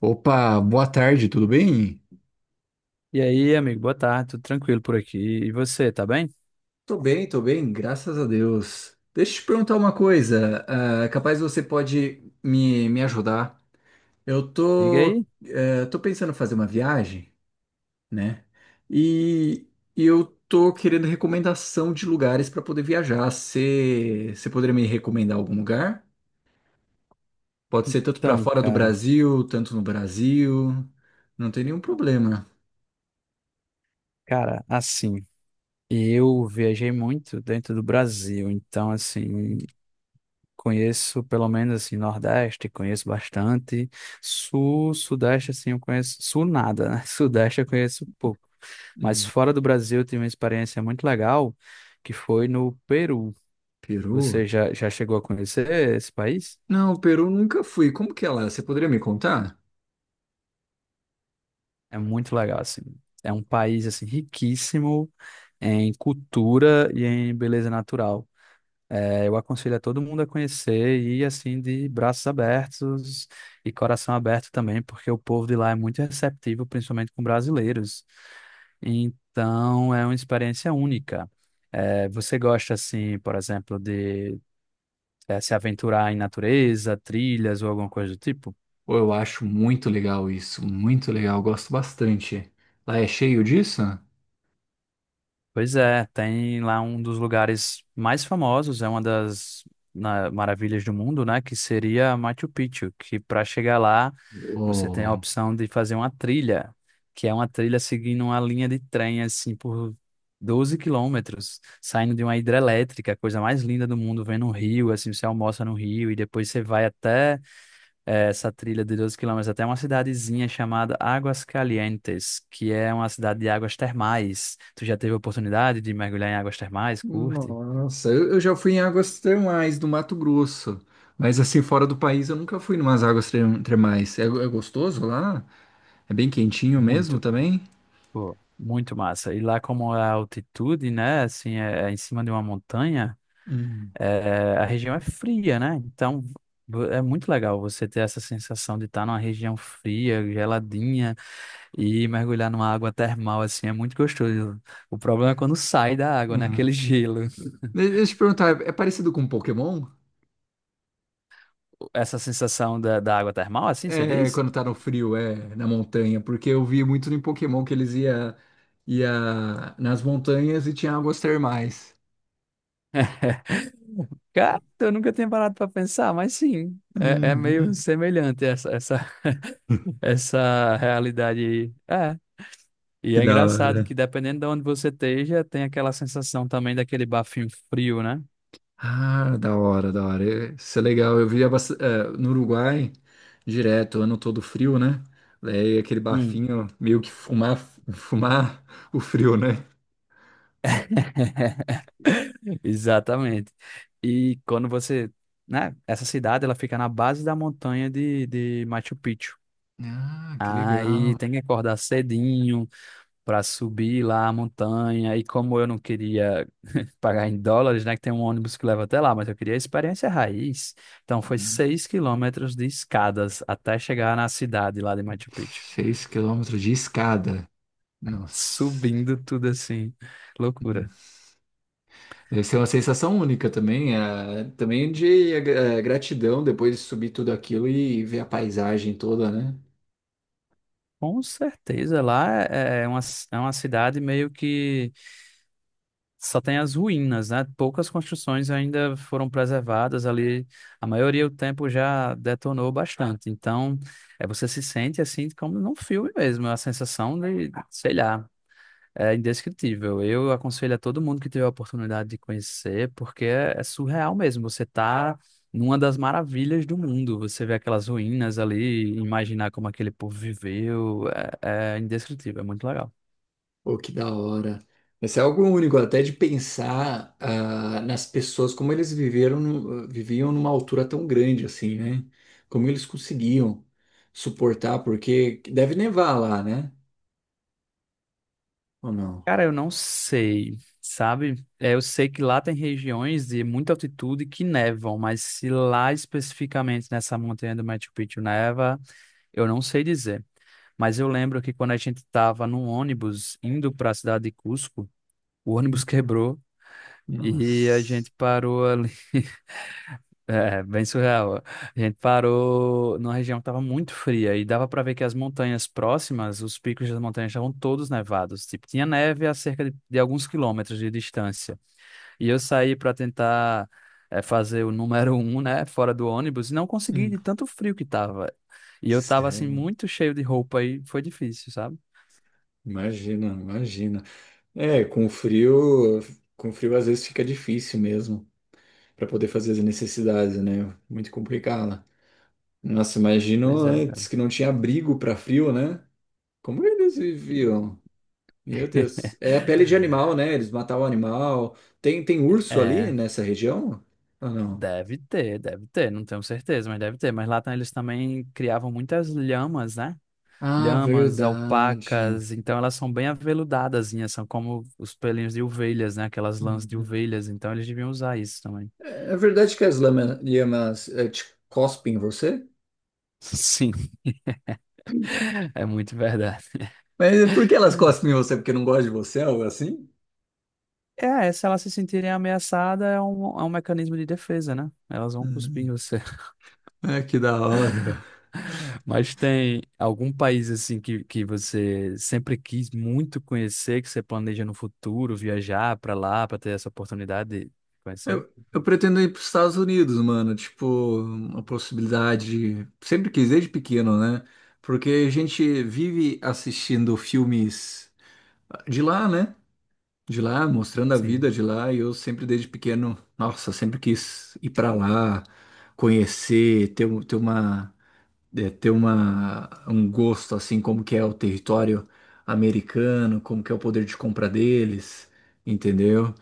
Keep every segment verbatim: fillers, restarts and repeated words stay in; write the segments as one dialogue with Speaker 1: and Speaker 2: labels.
Speaker 1: Opa, boa tarde, tudo bem?
Speaker 2: E aí, amigo, boa tarde, tudo tranquilo por aqui. E você, tá bem?
Speaker 1: Tô bem, tô bem, graças a Deus. Deixa eu te perguntar uma coisa, ah, é capaz você pode me, me ajudar. Eu
Speaker 2: Diga
Speaker 1: tô,
Speaker 2: aí.
Speaker 1: eh, Tô pensando em fazer uma viagem, né? E, e eu tô querendo recomendação de lugares para poder viajar. Você você poderia me recomendar algum lugar? Pode ser tanto para
Speaker 2: Então,
Speaker 1: fora do
Speaker 2: cara,
Speaker 1: Brasil, tanto no Brasil. Não tem nenhum problema.
Speaker 2: cara, assim, eu viajei muito dentro do Brasil, então, assim, conheço pelo menos, assim, Nordeste, conheço bastante, Sul, Sudeste, assim, eu conheço, Sul nada, né? Sudeste eu conheço pouco, mas
Speaker 1: Hum,
Speaker 2: fora do Brasil eu tive uma experiência muito legal, que foi no Peru.
Speaker 1: Peru?
Speaker 2: Você já, já chegou a conhecer esse país?
Speaker 1: Não, o Peru nunca fui. Como que ela é? Você poderia me contar?
Speaker 2: É muito legal, assim. É um país, assim, riquíssimo em cultura e em beleza natural. É, eu aconselho a todo mundo a conhecer e, ir, assim, de braços abertos e coração aberto também, porque o povo de lá é muito receptivo, principalmente com brasileiros. Então, é uma experiência única. É, você gosta, assim, por exemplo, de, eh, se aventurar em natureza, trilhas ou alguma coisa do tipo?
Speaker 1: Pô, eu acho muito legal isso, muito legal, gosto bastante. Lá é cheio disso?
Speaker 2: Pois é, tem lá um dos lugares mais famosos, é uma das na- maravilhas do mundo, né? Que seria Machu Picchu, que para chegar lá você tem a
Speaker 1: Oh.
Speaker 2: opção de fazer uma trilha, que é uma trilha seguindo uma linha de trem, assim, por doze quilômetros, saindo de uma hidrelétrica, a coisa mais linda do mundo, vendo um rio, assim, você almoça no rio e depois você vai até é, essa trilha de doze quilômetros até uma cidadezinha chamada Águas Calientes, que é uma cidade de águas termais. Tu já teve a oportunidade de mergulhar em águas termais? Curte?
Speaker 1: Nossa, eu, eu já fui em águas termais do Mato Grosso, mas assim, fora do país eu nunca fui em umas águas term- termais. É, é gostoso lá? É bem quentinho mesmo
Speaker 2: Muito,
Speaker 1: também?
Speaker 2: pô, muito massa. E lá como a altitude, né, assim, é, é em cima de uma montanha,
Speaker 1: Hum.
Speaker 2: é, a região é fria, né? Então vo- é muito legal você ter essa sensação de estar numa região fria, geladinha e mergulhar numa água termal, assim, é muito gostoso. O problema é quando sai da água, né?
Speaker 1: Hum.
Speaker 2: Aquele gelo.
Speaker 1: De- Deixa eu te perguntar, é parecido com Pokémon?
Speaker 2: Essa sensação da, da água termal, assim, você
Speaker 1: É,
Speaker 2: diz?
Speaker 1: quando tá no frio, é, na montanha, porque eu vi muito no Pokémon que eles ia, ia nas montanhas e tinha águas termais.
Speaker 2: Cara, eu nunca tinha parado para pensar, mas sim, é, é meio
Speaker 1: Uhum.
Speaker 2: semelhante essa, essa, essa realidade aí. É, e
Speaker 1: Que
Speaker 2: é
Speaker 1: da
Speaker 2: engraçado
Speaker 1: hora.
Speaker 2: que dependendo de onde você esteja, tem aquela sensação também daquele bafinho frio, né?
Speaker 1: Ah, da hora, da hora. É, isso é legal. Eu via bast- é, no Uruguai, direto, ano todo frio, né? Daí aquele
Speaker 2: Hum.
Speaker 1: bafinho, meio que fumar, fumar o frio, né?
Speaker 2: Exatamente. E quando você, né, essa cidade, ela fica na base da montanha de, de Machu Picchu.
Speaker 1: Ah, que
Speaker 2: Aí
Speaker 1: legal.
Speaker 2: tem que acordar cedinho, para subir lá a montanha. E como eu não queria pagar em dólares, né, que tem um ônibus que leva até lá, mas eu queria a experiência raiz. Então foi seis quilômetros de escadas até chegar na cidade lá de Machu Picchu.
Speaker 1: Seis quilômetros de escada. Nossa.
Speaker 2: Subindo tudo assim, loucura.
Speaker 1: Nossa. Deve ser uma sensação única também, é, também de é, gratidão depois de subir tudo aquilo e ver a paisagem toda, né?
Speaker 2: Com certeza, lá é é uma, é uma cidade meio que só tem as ruínas, né? Poucas construções ainda foram preservadas ali. A maioria do tempo já detonou bastante. Então, é, você se sente assim como num filme mesmo, a sensação de, sei lá, é indescritível. Eu aconselho a todo mundo que tiver a oportunidade de conhecer, porque é, é surreal mesmo. Você tá numa das maravilhas do mundo. Você vê aquelas ruínas ali, imaginar como aquele povo viveu, é, é indescritível, é muito legal.
Speaker 1: Pô, que da hora. Mas é algo único, até de pensar ah, nas pessoas, como eles viveram, no- viviam numa altura tão grande assim, né? Como eles conseguiam suportar, porque deve nevar lá, né? Ou não?
Speaker 2: Cara, eu não sei, sabe? É, eu sei que lá tem regiões de muita altitude que nevam, mas se lá especificamente nessa montanha do Machu Picchu neva, eu não sei dizer. Mas eu lembro que quando a gente estava no ônibus indo para a cidade de Cusco, o ônibus quebrou e a
Speaker 1: Nossa.
Speaker 2: gente parou ali é, bem surreal. A gente parou numa região que estava muito fria e dava para ver que as montanhas próximas, os picos das montanhas estavam todos nevados. Tipo, tinha neve a cerca de, de alguns quilômetros de distância. E eu saí para tentar eh, fazer o número um, né, fora do ônibus e não consegui
Speaker 1: Hum.
Speaker 2: de tanto frio que tava. E eu tava assim
Speaker 1: Sério.
Speaker 2: muito cheio de roupa e foi difícil, sabe?
Speaker 1: Imagina, imagina. É, com frio, com frio às vezes fica difícil mesmo para poder fazer as necessidades, né? Muito complicado. Nossa, imagino
Speaker 2: Pois é,
Speaker 1: antes
Speaker 2: cara.
Speaker 1: que não tinha abrigo para frio, né? Como eles viviam? Meu Deus. É a pele de animal, né? Eles matavam animal. Tem, tem urso ali
Speaker 2: É,
Speaker 1: nessa região? Ou não?
Speaker 2: deve ter, deve ter, não tenho certeza, mas deve ter. Mas lá tá- eles também criavam muitas lhamas, né?
Speaker 1: Ah,
Speaker 2: Lhamas,
Speaker 1: verdade.
Speaker 2: alpacas, então elas são bem aveludadas, são como os pelinhos de ovelhas, né? Aquelas lãs de
Speaker 1: Uhum.
Speaker 2: ovelhas, então eles deviam usar isso também.
Speaker 1: É, é verdade que as lama- lhamas, eh, te cospem em você?
Speaker 2: Sim, é muito verdade.
Speaker 1: Mas por que elas cospem em você? Porque não gostam de você, algo assim?
Speaker 2: É, se elas se sentirem ameaçadas, é um, é um mecanismo de defesa, né? Elas vão cuspir em você.
Speaker 1: É, que da hora.
Speaker 2: Mas tem algum país, assim, que, que você sempre quis muito conhecer, que você planeja no futuro viajar para lá, para ter essa oportunidade de conhecer?
Speaker 1: Eu, eu pretendo ir para os Estados Unidos, mano. Tipo, uma possibilidade. Sempre quis, desde pequeno, né? Porque a gente vive assistindo filmes de lá, né? De lá, mostrando a vida
Speaker 2: Sim.
Speaker 1: de lá. E eu sempre, desde pequeno, nossa, sempre quis ir para lá, conhecer, ter, um- ter uma, é, ter uma, um gosto, assim, como que é o território americano, como que é o poder de compra deles, entendeu?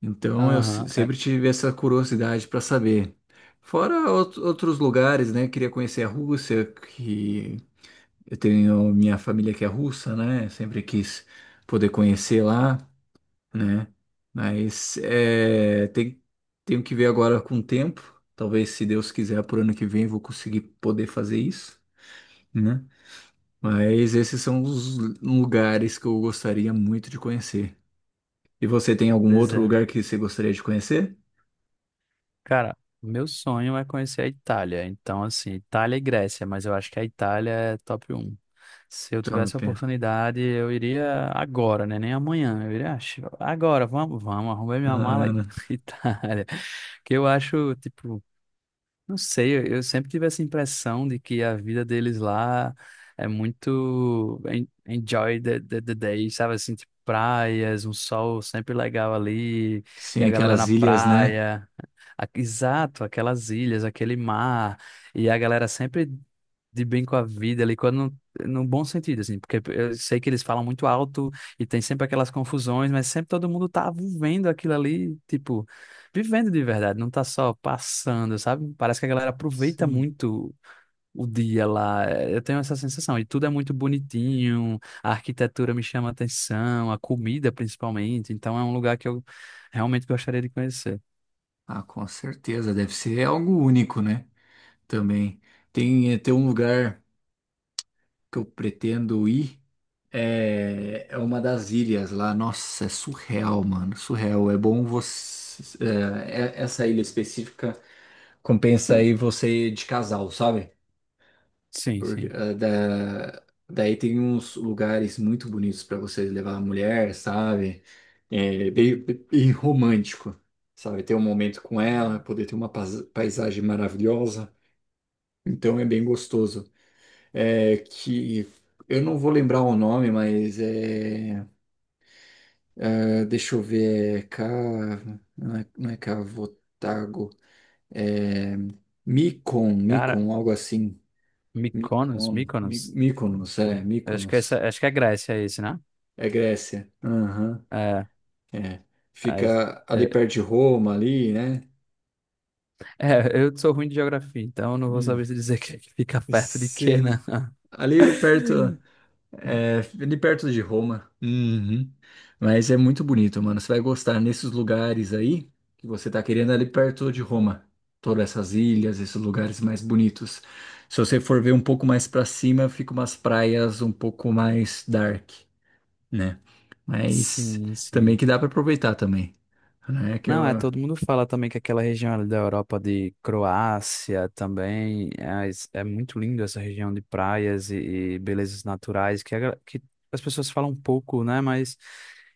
Speaker 1: Então eu se-
Speaker 2: Aham, é,
Speaker 1: sempre tive essa curiosidade para saber. Fora out- outros lugares, né? Queria conhecer a Rússia, que eu tenho minha família que é russa, né? Sempre quis poder conhecer lá, né? Mas é, tem, Tenho que ver agora com o tempo. Talvez, se Deus quiser, por ano que vem eu vou conseguir poder fazer isso, né? Mas esses são os lugares que eu gostaria muito de conhecer. E você tem algum
Speaker 2: pois
Speaker 1: outro
Speaker 2: é.
Speaker 1: lugar que você gostaria de conhecer?
Speaker 2: Cara, meu sonho é conhecer a Itália. Então, assim, Itália e Grécia, mas eu acho que a Itália é top um. Se eu tivesse a
Speaker 1: Top.
Speaker 2: oportunidade, eu iria agora, né? Nem amanhã. Eu iria, "Ah, agora, vamos, vamos, arrumei minha mala e
Speaker 1: Ah,
Speaker 2: Itália." Que eu acho, tipo. Não sei, eu, eu sempre tive essa impressão de que a vida deles lá é muito en- enjoy the, the, the day, sabe? Assim, tipo, praias, um sol sempre legal ali, e
Speaker 1: sim,
Speaker 2: a galera
Speaker 1: aquelas
Speaker 2: na
Speaker 1: ilhas, né?
Speaker 2: praia. A- Exato, aquelas ilhas, aquele mar, e a galera sempre de bem com a vida ali, quando no bom sentido, assim, porque eu sei que eles falam muito alto e tem sempre aquelas confusões, mas sempre todo mundo tá vivendo aquilo ali, tipo vivendo de verdade, não tá só passando, sabe? Parece que a galera aproveita
Speaker 1: Sim.
Speaker 2: muito o dia lá. É, eu tenho essa sensação. E tudo é muito bonitinho, a arquitetura me chama a atenção, a comida principalmente. Então é um lugar que eu realmente gostaria de conhecer.
Speaker 1: Ah, com certeza, deve ser algo único, né? Também. Tem, eh, tem um lugar que eu pretendo ir, é, é uma das ilhas lá. Nossa, é surreal, mano, surreal. É bom você. Eh, é- essa ilha específica compensa aí você ir de casal, sabe?
Speaker 2: Sim,
Speaker 1: Porque,
Speaker 2: sim.
Speaker 1: ah, da, daí tem uns lugares muito bonitos para você levar a mulher, sabe? É, bem, bem romântico, sabe? Ter um momento com ela, poder ter uma pais- paisagem maravilhosa. Então é bem gostoso. É que eu não vou lembrar o nome, mas é, é, deixa eu ver, é Ca, não é, não é Cavotago, é Micon,
Speaker 2: Cara,
Speaker 1: Micon, algo assim.
Speaker 2: Mykonos,
Speaker 1: Micon, Mi-
Speaker 2: Mykonos.
Speaker 1: Mykonos, é,
Speaker 2: Eu acho que
Speaker 1: Mykonos.
Speaker 2: essa, acho que é Grécia esse, né?
Speaker 1: É Grécia. Aham.
Speaker 2: É,
Speaker 1: É.
Speaker 2: é, esse.
Speaker 1: Fica ali
Speaker 2: É,
Speaker 1: perto de Roma, ali, né?
Speaker 2: é, eu sou ruim de geografia, então eu não vou saber
Speaker 1: Hum.
Speaker 2: se dizer que que fica perto de quê, né?
Speaker 1: Sim. Ali perto, é, ali perto de Roma. Uhum. Mas é muito bonito, mano. Você vai gostar nesses lugares aí que você tá querendo ali perto de Roma. Todas essas ilhas, esses lugares mais bonitos. Se você for ver um pouco mais pra cima, fica umas praias um pouco mais dark, né? Mas
Speaker 2: Sim,
Speaker 1: também
Speaker 2: sim.
Speaker 1: que dá pra aproveitar também, né? Que
Speaker 2: Não, é,
Speaker 1: eu
Speaker 2: todo mundo fala também que aquela região ali da Europa de Croácia também é, es- é muito lindo essa região de praias e, e belezas naturais que, a gra- que as pessoas falam um pouco, né? Mas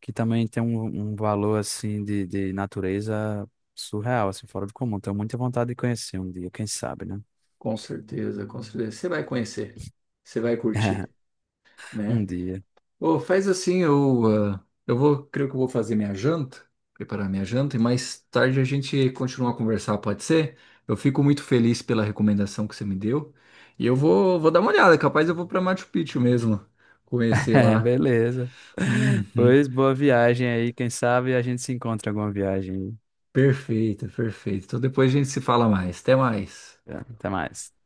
Speaker 2: que também tem um, um valor assim de, de natureza surreal, assim, fora do comum. Tenho muita vontade de conhecer um dia, quem sabe, né?
Speaker 1: com certeza, com certeza. Você vai conhecer, você vai curtir,
Speaker 2: Um
Speaker 1: né?
Speaker 2: dia.
Speaker 1: Ô, faz assim, eu, ah, eu vou, creio que eu vou fazer minha janta, preparar minha janta, e mais tarde a gente continua a conversar, pode ser? Eu fico muito feliz pela recomendação que você me deu, e eu vou, vou dar uma olhada, capaz eu vou para Machu Picchu mesmo, conhecer lá.
Speaker 2: Beleza.
Speaker 1: Uhum.
Speaker 2: Pois boa viagem aí, quem sabe a gente se encontra em alguma viagem.
Speaker 1: Perfeito, perfeito. Então depois a gente se fala mais. Até mais.
Speaker 2: Tá, até mais.